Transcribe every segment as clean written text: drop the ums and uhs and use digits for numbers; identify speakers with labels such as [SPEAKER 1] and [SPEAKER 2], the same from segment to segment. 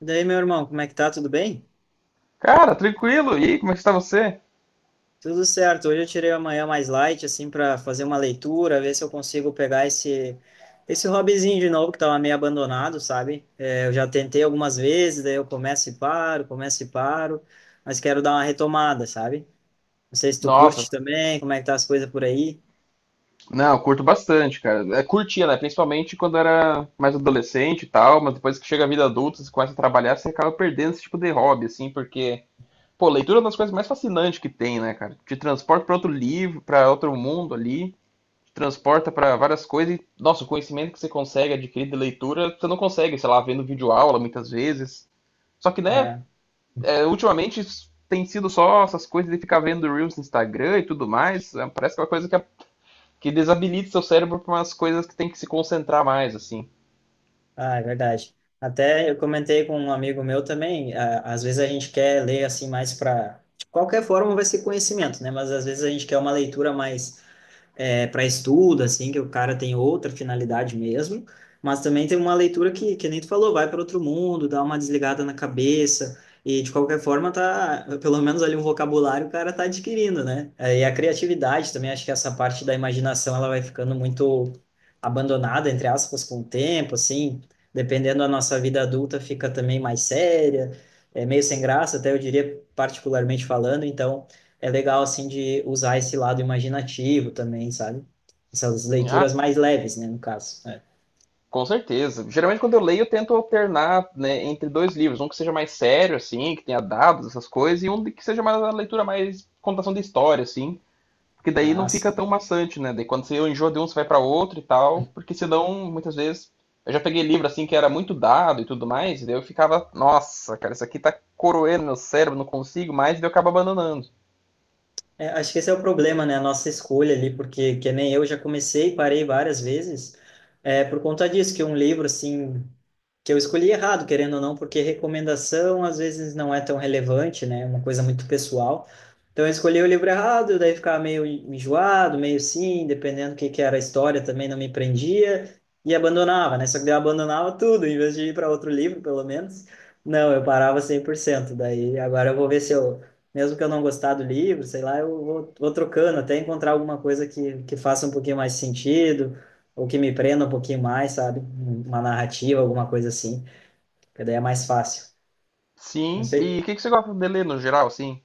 [SPEAKER 1] E daí, meu irmão, como é que tá? Tudo bem?
[SPEAKER 2] Cara, tranquilo. E aí, como é que está você?
[SPEAKER 1] Tudo certo. Hoje eu tirei a manhã mais light, assim, para fazer uma leitura, ver se eu consigo pegar esse hobbyzinho de novo que tava meio abandonado, sabe? Eu já tentei algumas vezes, daí eu começo e paro, mas quero dar uma retomada, sabe? Não sei se tu curte
[SPEAKER 2] Nossa,
[SPEAKER 1] também, como é que tá as coisas por aí?
[SPEAKER 2] não, eu curto bastante, cara. Curtia, né? Principalmente quando era mais adolescente e tal, mas depois que chega a vida adulta, você começa a trabalhar, você acaba perdendo esse tipo de hobby, assim, porque, pô, leitura é uma das coisas mais fascinantes que tem, né, cara? Te transporta para outro livro, para outro mundo ali, te transporta para várias coisas e, nossa, o conhecimento que você consegue adquirir de leitura, você não consegue, sei lá, vendo videoaula muitas vezes. Só que, né,
[SPEAKER 1] É.
[SPEAKER 2] ultimamente tem sido só essas coisas de ficar vendo Reels no Instagram e tudo mais. Parece que é uma coisa que, desabilita seu cérebro para umas coisas que tem que se concentrar mais, assim.
[SPEAKER 1] Ah, é verdade. Até eu comentei com um amigo meu também, às vezes a gente quer ler assim mais para de qualquer forma vai ser conhecimento, né? Mas às vezes a gente quer uma leitura mais para estudo, assim, que o cara tem outra finalidade mesmo, mas também tem uma leitura que nem tu falou, vai para outro mundo, dá uma desligada na cabeça, e de qualquer forma tá, pelo menos ali um vocabulário o cara tá adquirindo, né? E a criatividade também, acho que essa parte da imaginação ela vai ficando muito abandonada, entre aspas, com o tempo, assim, dependendo da nossa vida adulta, fica também mais séria, é meio sem graça, até eu diria, particularmente falando, então é legal, assim, de usar esse lado imaginativo também, sabe? Essas
[SPEAKER 2] Ah,
[SPEAKER 1] leituras mais leves, né, no caso. É.
[SPEAKER 2] com certeza. Geralmente quando eu leio, eu tento alternar, né, entre dois livros. Um que seja mais sério, assim, que tenha dados, essas coisas, e um que seja mais uma leitura mais contação de história, assim. Porque daí não
[SPEAKER 1] Ah,
[SPEAKER 2] fica
[SPEAKER 1] sim.
[SPEAKER 2] tão maçante, né? Daí quando você enjoa de um, você vai para outro e tal. Porque senão, muitas vezes. Eu já peguei livro assim que era muito dado e tudo mais, e daí eu ficava, nossa, cara, isso aqui tá coroendo meu cérebro, não consigo mais, e daí eu acabo abandonando.
[SPEAKER 1] É, acho que esse é o problema, né? A nossa escolha ali, porque que nem eu já comecei e parei várias vezes, é por conta disso, que um livro, assim, que eu escolhi errado, querendo ou não, porque recomendação às vezes não é tão relevante, né? É uma coisa muito pessoal. Então eu escolhi o livro errado, daí ficava meio enjoado, meio sim, dependendo do que era a história, também não me prendia e abandonava, né? Só que daí eu abandonava tudo, em vez de ir para outro livro, pelo menos. Não, eu parava 100%. Daí agora eu vou ver se eu mesmo que eu não gostar do livro, sei lá, eu vou, trocando até encontrar alguma coisa que faça um pouquinho mais sentido, ou que me prenda um pouquinho mais, sabe? Uma narrativa, alguma coisa assim, que daí é mais fácil. Não
[SPEAKER 2] Sim, e
[SPEAKER 1] sei.
[SPEAKER 2] que você gosta de ler no geral, assim?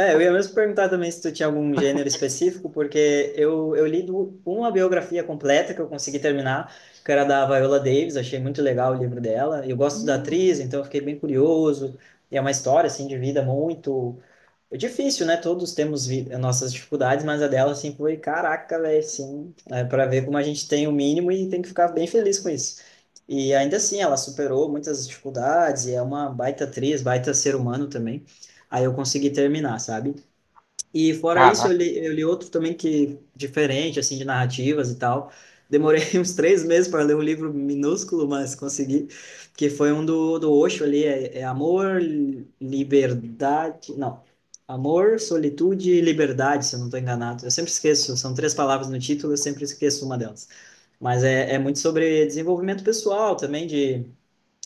[SPEAKER 1] É, eu ia mesmo perguntar também se tu tinha algum gênero específico, porque eu li uma biografia completa que eu consegui terminar, que era da Viola Davis, achei muito legal o livro dela. Eu gosto da atriz, então eu fiquei bem curioso. E é uma história, assim, de vida muito. Foi difícil, né? Todos temos nossas dificuldades, mas a dela, assim, foi caraca, velho, assim. É para ver como a gente tem o mínimo e tem que ficar bem feliz com isso. E ainda assim, ela superou muitas dificuldades e é uma baita atriz, baita ser humano também. Aí eu consegui terminar, sabe? E fora isso, eu
[SPEAKER 2] Caraca.
[SPEAKER 1] li, eu li outro também que diferente, assim, de narrativas e tal. Demorei uns 3 meses para ler um livro minúsculo, mas consegui. Que foi um do Osho ali, é Amor, Liberdade... Não, Amor, Solitude e Liberdade, se eu não estou enganado. Eu sempre esqueço, são três palavras no título, eu sempre esqueço uma delas. Mas é muito sobre desenvolvimento pessoal também, de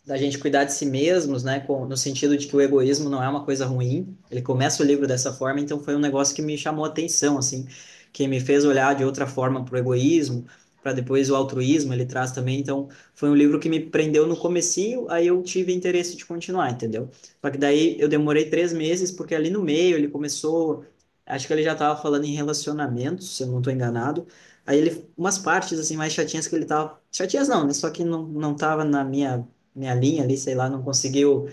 [SPEAKER 1] da gente cuidar de si mesmos, né, no sentido de que o egoísmo não é uma coisa ruim. Ele começa o livro dessa forma, então foi um negócio que me chamou a atenção, assim, que me fez olhar de outra forma para o egoísmo, para depois o altruísmo ele traz também. Então foi um livro que me prendeu no comecinho, aí eu tive interesse de continuar, entendeu? Só que daí eu demorei 3 meses porque ali no meio ele começou, acho que ele já estava falando em relacionamentos, se eu não estou enganado. Aí ele, umas partes assim mais chatinhas que ele tava, chatinhas não, né? Só que não, não tava na minha linha ali, sei lá, não conseguiu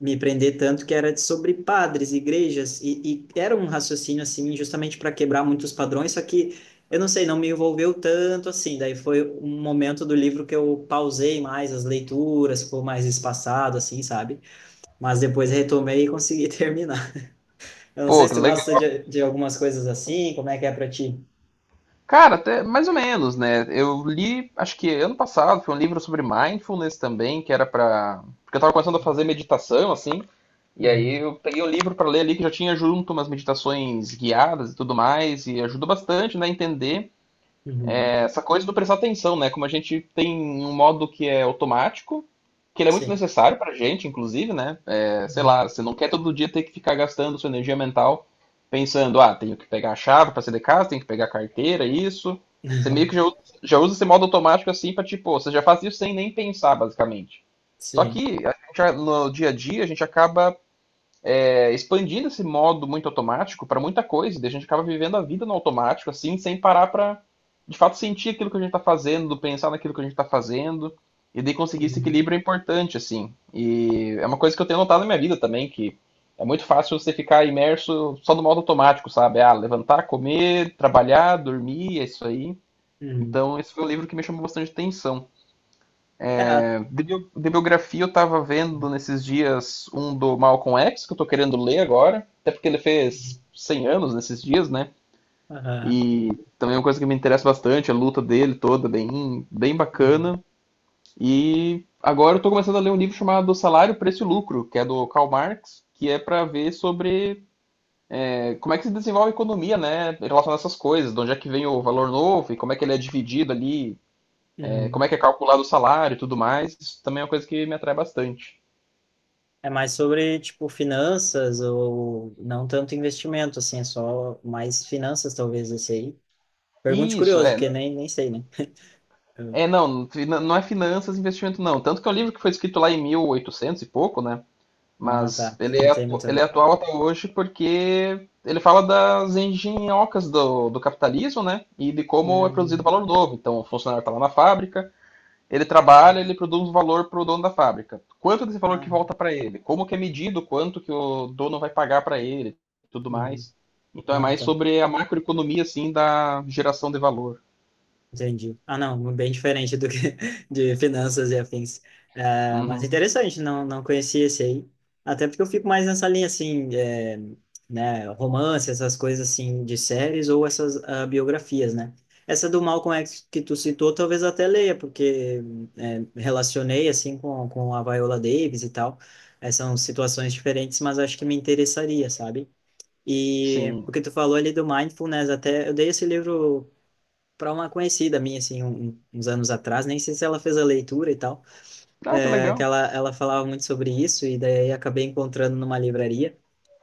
[SPEAKER 1] me prender tanto, que era sobre padres, igrejas, e era um raciocínio assim, justamente para quebrar muitos padrões, só que eu não sei, não me envolveu tanto assim. Daí foi um momento do livro que eu pausei mais as leituras, ficou mais espaçado, assim, sabe? Mas depois retomei e consegui terminar. Eu não sei
[SPEAKER 2] Pô,
[SPEAKER 1] se
[SPEAKER 2] que
[SPEAKER 1] tu gosta
[SPEAKER 2] legal.
[SPEAKER 1] de algumas coisas assim, como é que é para ti?
[SPEAKER 2] Cara, até mais ou menos, né? Eu li, acho que ano passado, foi um livro sobre mindfulness também, que era pra. Porque eu tava começando a fazer meditação, assim, e aí
[SPEAKER 1] Uhum,
[SPEAKER 2] eu peguei um livro pra ler ali que já tinha junto umas meditações guiadas e tudo mais, e ajudou bastante, né, a entender
[SPEAKER 1] uhum.
[SPEAKER 2] essa coisa do prestar atenção, né? Como a gente tem um modo que é automático, que ele é muito
[SPEAKER 1] Sim.
[SPEAKER 2] necessário pra gente, inclusive, né? É, sei lá,
[SPEAKER 1] Uhum.
[SPEAKER 2] você não quer todo dia ter que ficar gastando sua energia mental pensando, ah, tenho que pegar a chave pra sair de casa, tenho que pegar a carteira, isso. Você meio que já, já usa esse modo automático assim pra tipo, você já faz isso sem nem pensar, basicamente. Só
[SPEAKER 1] Sim.
[SPEAKER 2] que a gente, no dia a dia a gente acaba expandido esse modo muito automático para muita coisa. Daí a gente acaba vivendo a vida no automático, assim, sem parar para de fato sentir aquilo que a gente está fazendo, pensar naquilo que a gente está fazendo. E daí conseguir esse
[SPEAKER 1] Uhum.
[SPEAKER 2] equilíbrio é importante, assim. E é uma coisa que eu tenho notado na minha vida também, que é muito fácil você ficar imerso só no modo automático, sabe? Ah, levantar, comer, trabalhar, dormir, é isso aí.
[SPEAKER 1] Uhum.
[SPEAKER 2] Então, esse foi o livro que me chamou bastante atenção.
[SPEAKER 1] É.
[SPEAKER 2] De, Biografia eu tava vendo nesses dias um do Malcolm X, que eu tô querendo ler agora, até porque ele fez 100 anos nesses dias, né?
[SPEAKER 1] Aham.
[SPEAKER 2] E também é uma coisa que me interessa bastante, a luta dele toda, bem, bem
[SPEAKER 1] Uhum.
[SPEAKER 2] bacana. E agora eu tô começando a ler um livro chamado Salário, Preço e Lucro, que é do Karl Marx, que é para ver sobre como é que se desenvolve a economia, né, em relação a essas coisas, de onde é que vem o valor novo e como é que ele é dividido ali, como
[SPEAKER 1] Uhum.
[SPEAKER 2] é que é calculado o salário e tudo mais. Isso também é uma coisa que me atrai bastante.
[SPEAKER 1] É mais sobre, tipo, finanças ou não tanto investimento, assim, é só mais finanças, talvez, esse aí. Pergunte
[SPEAKER 2] Isso,
[SPEAKER 1] curioso,
[SPEAKER 2] é.
[SPEAKER 1] porque nem sei, né? Eu-
[SPEAKER 2] É, não, não é finanças e investimento, não. Tanto que é um livro que foi escrito lá em 1800 e pouco, né?
[SPEAKER 1] Ah,
[SPEAKER 2] Mas
[SPEAKER 1] tá.
[SPEAKER 2] ele
[SPEAKER 1] Não
[SPEAKER 2] é,
[SPEAKER 1] tem muito a
[SPEAKER 2] ele é
[SPEAKER 1] ver.
[SPEAKER 2] atual até hoje porque ele fala das engenhocas do, do capitalismo, né? E de como é produzido
[SPEAKER 1] Hum.
[SPEAKER 2] valor novo. Então, o funcionário está lá na fábrica, ele trabalha, ele produz valor para o dono da fábrica. Quanto desse valor que
[SPEAKER 1] Ah,
[SPEAKER 2] volta para ele? Como que é medido? Quanto que o dono vai pagar para ele? Tudo
[SPEAKER 1] uhum.
[SPEAKER 2] mais. Então, é
[SPEAKER 1] Ah,
[SPEAKER 2] mais
[SPEAKER 1] tá.
[SPEAKER 2] sobre a macroeconomia, assim, da geração de valor.
[SPEAKER 1] Entendi. Ah, não, bem diferente do que de finanças e afins. Ah, mas
[SPEAKER 2] Uhum.
[SPEAKER 1] interessante, não, não conhecia esse aí. Até porque eu fico mais nessa linha, assim, é, né, romance, essas coisas, assim, de séries ou essas ah, biografias, né? Essa do Malcolm X que tu citou, talvez até leia, porque é, relacionei, assim, com, a Viola Davis e tal. É, são situações diferentes, mas acho que me interessaria, sabe? E
[SPEAKER 2] Sim.
[SPEAKER 1] o que tu falou ali do Mindfulness, até eu dei esse livro para uma conhecida minha, assim, uns anos atrás, nem sei se ela fez a leitura e tal.
[SPEAKER 2] Ah, que
[SPEAKER 1] É, que
[SPEAKER 2] legal.
[SPEAKER 1] ela, falava muito sobre isso, e daí acabei encontrando numa livraria.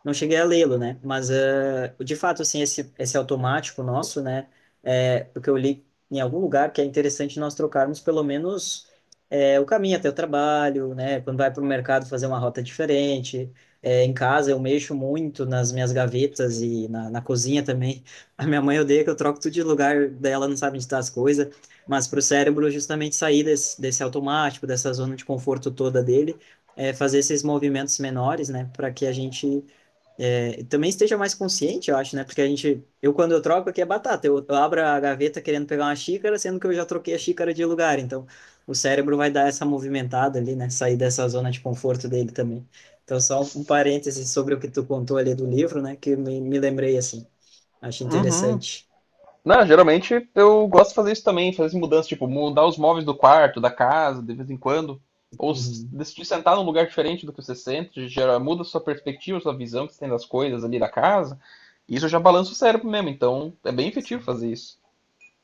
[SPEAKER 1] Não cheguei a lê-lo, né? Mas, de fato, assim, esse automático nosso, né? É, o que eu li em algum lugar que é interessante nós trocarmos pelo menos o caminho até o trabalho, né? Quando vai para o mercado fazer uma rota diferente. Em casa eu mexo muito nas minhas gavetas e na cozinha também. A minha mãe odeia que eu troco tudo de lugar, daí ela não sabe onde tá as coisas. Mas para o cérebro, justamente sair desse automático, dessa zona de conforto toda dele, é, fazer esses movimentos menores, né? Para que a gente também esteja mais consciente, eu acho, né? Porque a gente, eu quando eu troco aqui é batata, eu abro a gaveta querendo pegar uma xícara, sendo que eu já troquei a xícara de lugar. Então, o cérebro vai dar essa movimentada ali, né? Sair dessa zona de conforto dele também. Então, só um parêntese sobre o que tu contou ali do livro, né? Que me lembrei assim. Acho
[SPEAKER 2] Uhum.
[SPEAKER 1] interessante.
[SPEAKER 2] Não, geralmente eu gosto de fazer isso também, fazer mudanças tipo, mudar os móveis do quarto, da casa, de vez em quando.
[SPEAKER 1] Uhum.
[SPEAKER 2] Decidir sentar num lugar diferente do que você sente, gera, muda a sua perspectiva, sua visão que você tem das coisas ali da casa. E isso já balança o cérebro mesmo, então é bem efetivo fazer isso.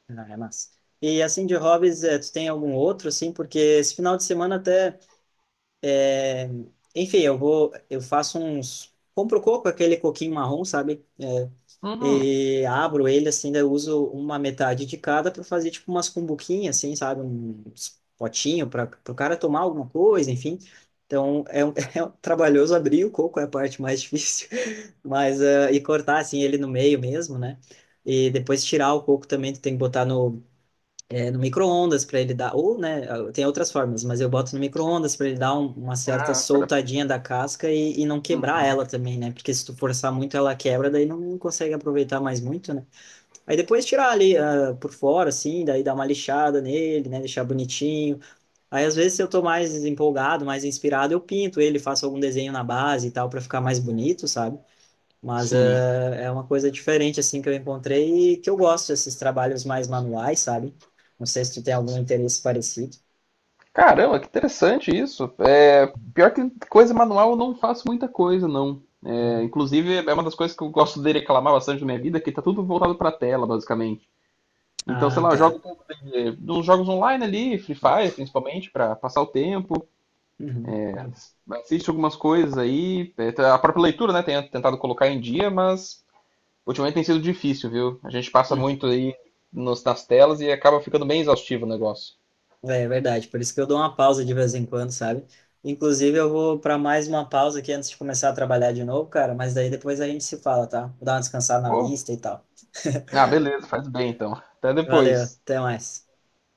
[SPEAKER 1] Ah, é massa. E assim, de hobbies, tu tem algum outro, assim? Porque esse final de semana até, eh, enfim, eu vou, eu faço compro coco, aquele coquinho marrom, sabe?
[SPEAKER 2] Uhum.
[SPEAKER 1] E abro ele, assim, daí eu uso uma metade de cada para fazer, tipo, umas cumbuquinhas, assim, sabe? Uns potinho para o cara tomar alguma coisa, enfim. Então, é um trabalhoso abrir o coco, é a parte mais difícil, mas, e cortar, assim, ele no meio mesmo, né? E depois tirar o coco também, tu tem que botar no micro-ondas para ele dar, ou, né, ah, tem outras formas, mas eu boto no micro-ondas para ele dar uma certa
[SPEAKER 2] Ah, pra-
[SPEAKER 1] soltadinha da casca e não quebrar ela também, né? Porque se tu forçar muito ela quebra, daí não consegue aproveitar mais muito, né? Aí depois tirar ali por fora, assim, daí dar uma lixada nele, né, deixar bonitinho. Aí às vezes se eu tô mais empolgado, mais inspirado, eu pinto ele, faço algum desenho na base e tal para ficar mais bonito, sabe? Mas
[SPEAKER 2] sim.
[SPEAKER 1] é uma coisa diferente, assim, que eu encontrei e que eu gosto desses trabalhos mais manuais, sabe? Não sei se tu tem algum interesse parecido.
[SPEAKER 2] Caramba, que interessante isso. Pior que coisa manual eu não faço muita coisa, não. Inclusive, é uma das coisas que eu gosto de reclamar bastante na minha vida, que tá tudo voltado pra tela, basicamente. Então, sei
[SPEAKER 1] Ah,
[SPEAKER 2] lá, eu jogo
[SPEAKER 1] tá.
[SPEAKER 2] um pouco dos jogos online ali, Free Fire principalmente, para passar o tempo.
[SPEAKER 1] Uhum. Ah,
[SPEAKER 2] Assisto algumas coisas aí. É, a própria leitura, né, tenho tentado colocar em dia, mas ultimamente tem sido difícil, viu? A gente passa muito
[SPEAKER 1] uhum.
[SPEAKER 2] aí nas telas e acaba ficando bem exaustivo o negócio.
[SPEAKER 1] É verdade, por isso que eu dou uma pausa de vez em quando, sabe? Inclusive, eu vou para mais uma pausa aqui antes de começar a trabalhar de novo, cara, mas daí depois a gente se fala, tá? Vou dar uma descansada na
[SPEAKER 2] Pô,
[SPEAKER 1] vista e tal.
[SPEAKER 2] ah, beleza, faz bem então. Até
[SPEAKER 1] Valeu,
[SPEAKER 2] depois.
[SPEAKER 1] até mais.